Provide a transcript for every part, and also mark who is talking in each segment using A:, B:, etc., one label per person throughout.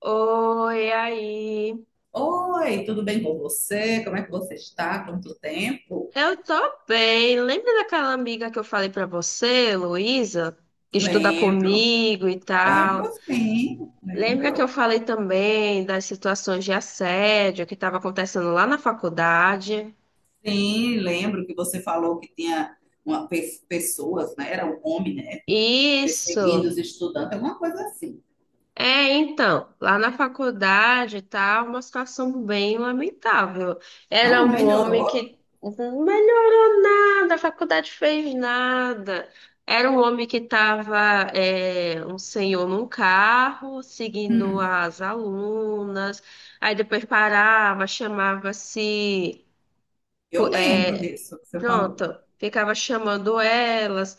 A: Oi, aí.
B: Oi, tudo bem com você? Como é que você está? Quanto tempo?
A: Eu tô bem. Lembra daquela amiga que eu falei pra você, Luísa, que estuda
B: Lembro,
A: comigo e
B: lembro,
A: tal?
B: sim,
A: Lembra que eu
B: lembro.
A: falei também das situações de assédio que estava acontecendo lá na faculdade?
B: Sim, lembro que você falou que tinha uma, pessoas, né? Era um homem, né? Perseguindo
A: Isso.
B: os estudantes, alguma coisa assim.
A: É, então, lá na faculdade tá uma situação bem lamentável.
B: Não,
A: Era
B: não
A: um homem
B: melhorou?
A: que não melhorou nada, a faculdade fez nada. Era um homem que estava, um senhor num carro, seguindo
B: Hum,
A: as alunas, aí depois parava, chamava-se
B: eu lembro
A: é,
B: disso que você
A: pronto,
B: falou.
A: ficava chamando elas,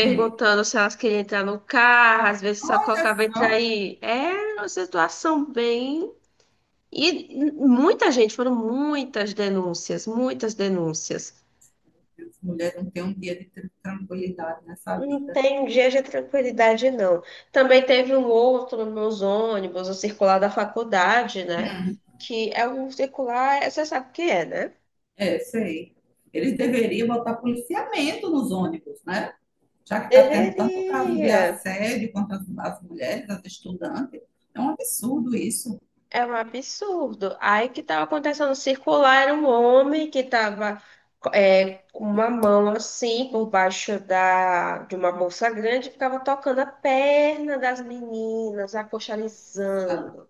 B: Sim.
A: se elas queriam entrar no carro, às vezes só
B: Olha
A: colocava entrar
B: só,
A: aí. Era uma situação bem. E muita gente, foram muitas denúncias, muitas denúncias.
B: as mulheres não têm um dia de tranquilidade nessa
A: Não
B: vida.
A: tem dia de tranquilidade, não. Também teve um outro nos meus ônibus, o circular da faculdade, né?
B: Hum,
A: Que é um circular, você sabe o que é, né?
B: é, sei. Eles deveriam botar policiamento nos ônibus, né? Já que está tendo tanto caso de
A: Deveria.
B: assédio contra as mulheres, as estudantes. É um absurdo isso.
A: É um absurdo. Aí o que estava acontecendo circular era um homem que estava com uma mão assim por baixo da, de uma bolsa grande, ficava tocando a perna das meninas,
B: Sabe?
A: acochalizando.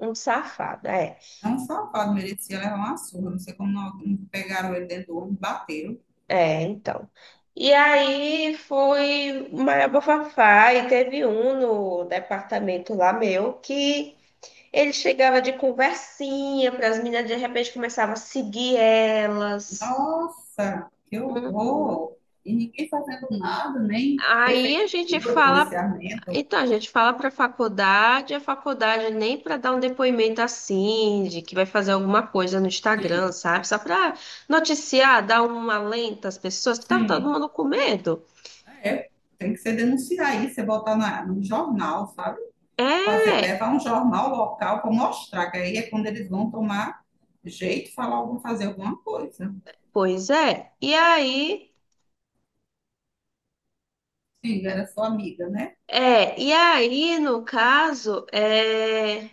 A: Um safado, é.
B: É um safado, merecia levar uma surra. Não sei como não, pegaram ele dentro do ônibus, bateram.
A: É, então. E aí foi o maior bafafá e teve um no departamento lá meu que ele chegava de conversinha para as meninas, de repente começava a seguir elas.
B: Nossa, que
A: Uhum.
B: horror! E ninguém fazendo nada, nem
A: Aí a gente
B: prefeitura,
A: fala,
B: policiamento.
A: então a gente fala para a faculdade nem para dar um depoimento assim, de que vai fazer alguma coisa no Instagram,
B: Sim,
A: sabe? Só para noticiar, dar um alento às pessoas, que tava todo
B: sim.
A: mundo com medo.
B: É, tem que ser denunciar isso, você botar no jornal, sabe? Fazer,
A: É,
B: levar um jornal local para mostrar, que aí é quando eles vão tomar jeito, falar algum, fazer alguma coisa.
A: pois é. E aí,
B: Sim, era sua amiga, né?
A: é, e aí, no caso,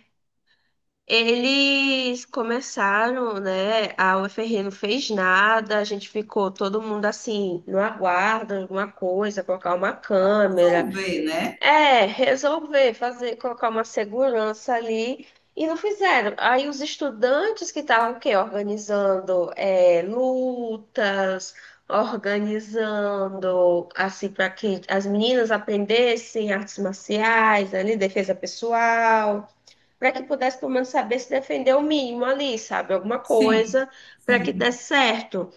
A: Eles começaram, né? A UFRN não fez nada, a gente ficou todo mundo assim, no aguardo, alguma coisa, colocar uma câmera.
B: Resolver, né?
A: É, resolver fazer, colocar uma segurança ali. E não fizeram. Aí os estudantes que estavam o quê? Organizando lutas, organizando assim para que as meninas aprendessem artes marciais, ali, defesa pessoal para que pudesse pelo menos saber se defender o mínimo ali, sabe? Alguma
B: Sim,
A: coisa para que
B: sim,
A: desse certo.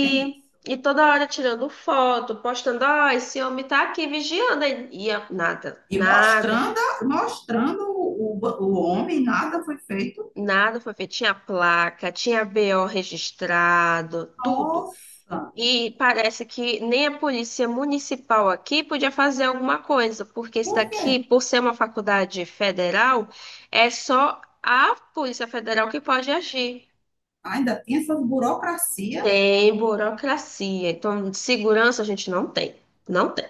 B: é isso.
A: e toda hora tirando foto, postando, ó, esse homem tá aqui vigiando. E nada,
B: E
A: nada,
B: mostrando, mostrando o homem, nada foi feito.
A: nada foi feito. Tinha placa, tinha BO registrado, tudo.
B: Nossa,
A: E parece que nem a polícia municipal aqui podia fazer alguma coisa, porque isso
B: por
A: daqui,
B: quê?
A: por ser uma faculdade federal, é só a Polícia Federal que pode agir.
B: Ainda tem essas burocracia,
A: Tem burocracia. Então, de segurança a gente não tem. Não tem.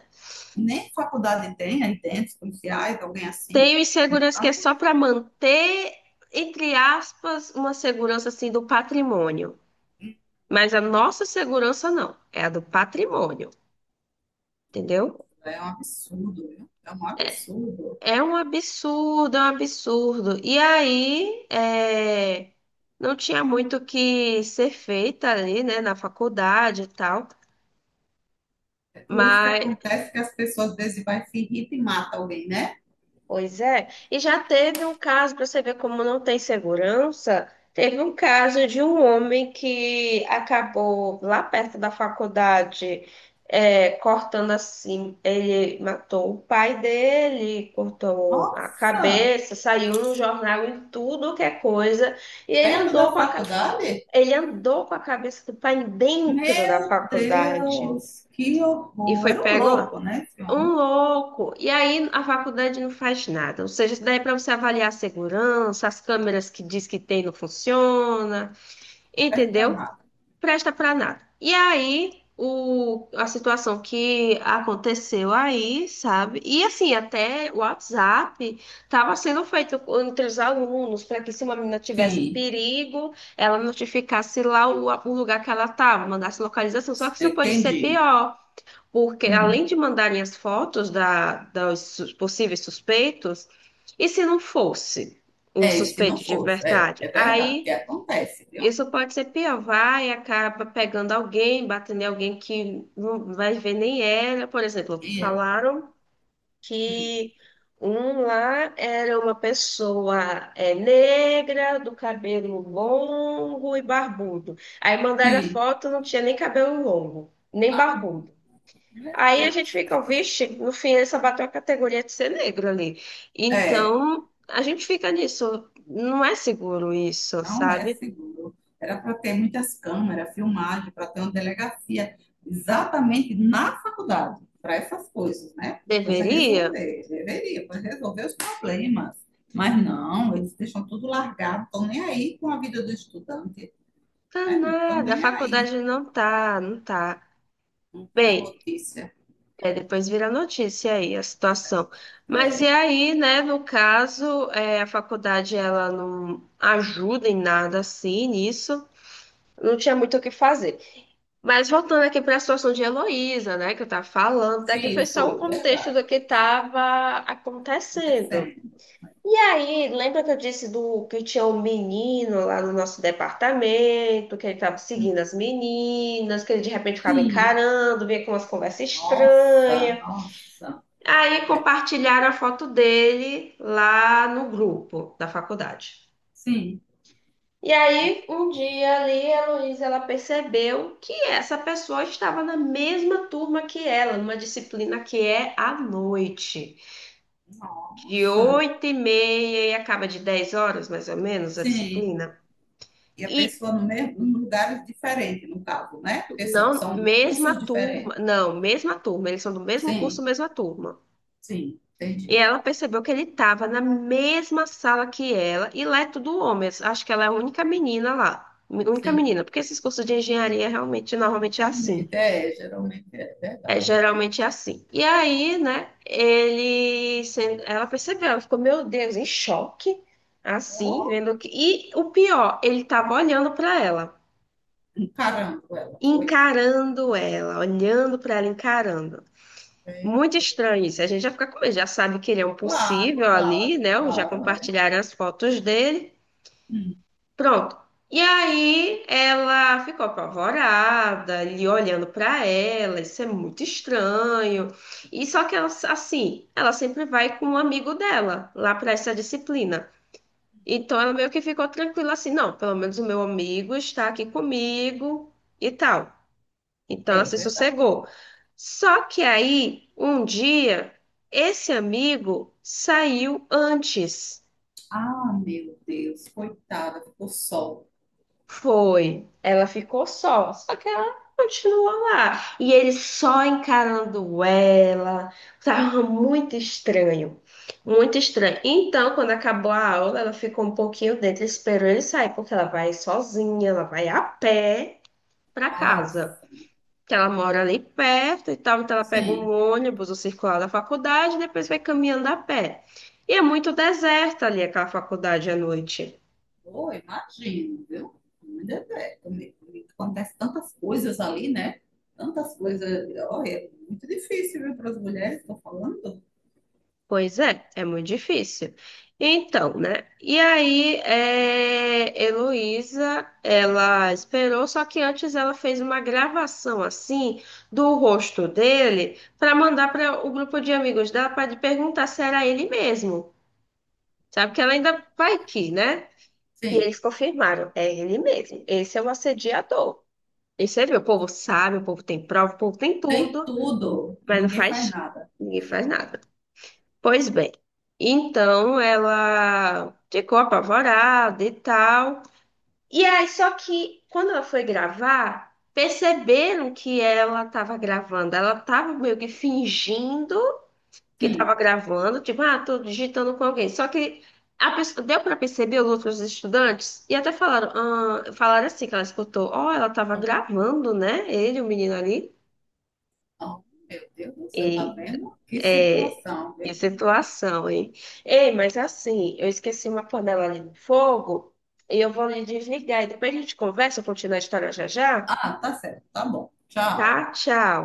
B: nem faculdade tem, aí dentro, policiais, alguém assim,
A: Tem o
B: no
A: insegurança que é
B: campo.
A: só para manter, entre aspas, uma segurança assim do patrimônio. Mas a nossa segurança não, é a do patrimônio, entendeu?
B: É um absurdo, viu? É um absurdo.
A: É um absurdo, é um absurdo. E aí, não tinha muito o que ser feito ali, né, na faculdade e tal.
B: É por isso que
A: Mas
B: acontece que as pessoas às vezes vai se irrita e mata alguém, né?
A: pois é. E já teve um caso, para você ver como não tem segurança, teve um caso de um homem que acabou lá perto da faculdade, cortando assim. Ele matou o pai dele, cortou a
B: Nossa,
A: cabeça, saiu no jornal em tudo que é coisa. E
B: perto da faculdade?
A: ele andou com a cabeça do pai dentro da
B: Meu
A: faculdade.
B: Deus, que
A: E
B: horror.
A: foi
B: Era um
A: pego lá.
B: louco, né, esse
A: Um
B: homem?
A: louco. E aí a faculdade não faz nada. Ou seja, isso daí é para você avaliar a segurança, as câmeras que diz que tem não funciona,
B: Serve pra
A: entendeu?
B: nada.
A: Presta para nada. E aí a situação que aconteceu aí, sabe? E assim, até o WhatsApp estava sendo feito entre os alunos para que se uma menina tivesse
B: Sim,
A: perigo, ela notificasse lá o lugar que ela estava, mandasse localização. Só que isso pode ser
B: entendi.
A: pior porque além
B: Uhum.
A: de mandarem as fotos dos possíveis suspeitos, e se não fosse o
B: É, se não
A: suspeito de
B: fosse, é,
A: verdade?
B: é verdade, que
A: Aí
B: acontece, viu?
A: isso pode ser pior, vai e acaba pegando alguém, batendo em alguém que não vai ver nem ela. Por exemplo,
B: E,
A: falaram que um lá era uma pessoa negra, do cabelo longo e barbudo. Aí mandaram a
B: sim,
A: foto, não tinha nem cabelo longo, nem barbudo.
B: meu
A: Aí a gente
B: Deus.
A: fica, vixe, no fim ele só bateu a categoria de ser negro ali.
B: É.
A: Então, a gente fica nisso. Não é seguro isso,
B: Não é
A: sabe?
B: seguro. Era para ter muitas câmeras, filmagem, para ter uma delegacia exatamente na faculdade, para essas coisas, né? Para já
A: Deveria?
B: resolver, deveria, para resolver os problemas. Mas não, eles deixam tudo largado, estão nem aí com a vida do estudante,
A: Tá
B: né? Não estão
A: nada, a
B: nem aí,
A: faculdade não tá, não tá.
B: não vira
A: Bem,
B: notícia.
A: depois vira notícia aí a situação. Mas e aí, né, no caso, a faculdade ela não ajuda em nada assim nisso, não tinha muito o que fazer. Mas voltando aqui para a situação de Heloísa, né, que eu estava falando, daqui foi
B: Sim,
A: só um
B: foi,
A: contexto
B: verdade,
A: do que estava acontecendo.
B: acontecendo.
A: E aí, lembra que eu disse do que tinha um menino lá no nosso departamento, que ele estava
B: Hum,
A: seguindo as meninas, que ele de repente ficava
B: Sim,
A: encarando, vinha com umas conversas
B: nossa,
A: estranhas.
B: nossa,
A: Aí compartilharam a foto dele lá no grupo da faculdade.
B: sim,
A: E aí, um dia ali, a Heloísa, ela percebeu que essa pessoa estava na mesma turma que ela, numa disciplina que é à noite, de
B: nossa,
A: 8h30 e acaba de 10 horas, mais ou menos, a
B: sim.
A: disciplina.
B: E a
A: E
B: pessoa no mesmo, em lugares diferentes, no caso, né? Porque são,
A: não,
B: são
A: mesma
B: cursos
A: turma,
B: diferentes.
A: não, mesma turma, eles são do mesmo curso,
B: Sim,
A: mesma turma.
B: sim,
A: E
B: entendi.
A: ela percebeu que ele estava na mesma sala que ela, e lá é tudo homens, acho que ela é a única menina lá. Única
B: Sim,
A: menina, porque esses cursos de engenharia realmente normalmente é assim.
B: realmente, é, geralmente é
A: É,
B: verdade.
A: geralmente é assim. E aí, né, ela percebeu, ela ficou, meu Deus, em choque, assim,
B: Oh,
A: vendo que. E o pior, ele tava olhando para ela,
B: um carango ela foi.
A: encarando ela, olhando para ela, encarando.
B: É,
A: Muito
B: é.
A: estranho isso. A gente já fica com medo, já sabe que ele é um possível
B: Claro, claro,
A: ali, né? Já
B: claro, é.
A: compartilharam as fotos dele.
B: Hum,
A: Pronto. E aí ela ficou apavorada, ele olhando pra ela, isso é muito estranho. E só que ela, assim, ela sempre vai com um amigo dela lá pra essa disciplina. Então ela meio que ficou tranquila assim, não, pelo menos o meu amigo está aqui comigo e tal. Então ela
B: é
A: se
B: verdade.
A: sossegou. Só que aí, um dia, esse amigo saiu antes.
B: Ah, meu Deus, coitada, ficou sol.
A: Foi. Ela ficou só, só que ela continuou lá. E ele só encarando ela. Tava muito estranho. Muito estranho. Então, quando acabou a aula, ela ficou um pouquinho dentro, esperou ele sair, porque ela vai sozinha, ela vai a pé para casa.
B: Nossa,
A: Que ela mora ali perto e tal, então ela pega um
B: sim.
A: ônibus, o circular da faculdade, e depois vai caminhando a pé. E é muito deserta ali aquela faculdade à noite.
B: Pô, imagino, viu? Ainda bem, também acontece tantas coisas ali, né? Tantas coisas. Olha, é muito difícil, viu, para as mulheres, estou falando.
A: Pois é, é muito difícil. Então, né? E aí, Heloísa, ela esperou, só que antes ela fez uma gravação assim do rosto dele para mandar para o grupo de amigos dela para perguntar se era ele mesmo. Sabe que ela ainda vai que, né? E
B: Sim,
A: eles confirmaram, é ele mesmo. Esse é o assediador. E você vê, o povo sabe, o povo tem prova, o povo tem
B: tem
A: tudo,
B: tudo e
A: mas não
B: ninguém faz
A: faz,
B: nada.
A: ninguém faz nada. Pois bem, então ela ficou apavorada e tal. E aí, só que quando ela foi gravar, perceberam que ela estava gravando. Ela estava meio que fingindo que
B: Sim.
A: estava gravando, tipo, ah, tô digitando com alguém. Só que a pessoa, deu para perceber os outros estudantes e até falaram assim que ela escutou, ó, ela estava gravando, né? Ele, o menino ali.
B: Oh, meu Deus do céu, tá
A: Eita.
B: vendo? Que
A: É,
B: situação,
A: que
B: viu?
A: situação, hein? Ei, mas assim, eu esqueci uma panela ali no fogo e eu vou lhe desligar. E depois a gente conversa, continua a história já já,
B: Ah, tá certo, tá bom. Tchau.
A: tá? Tchau.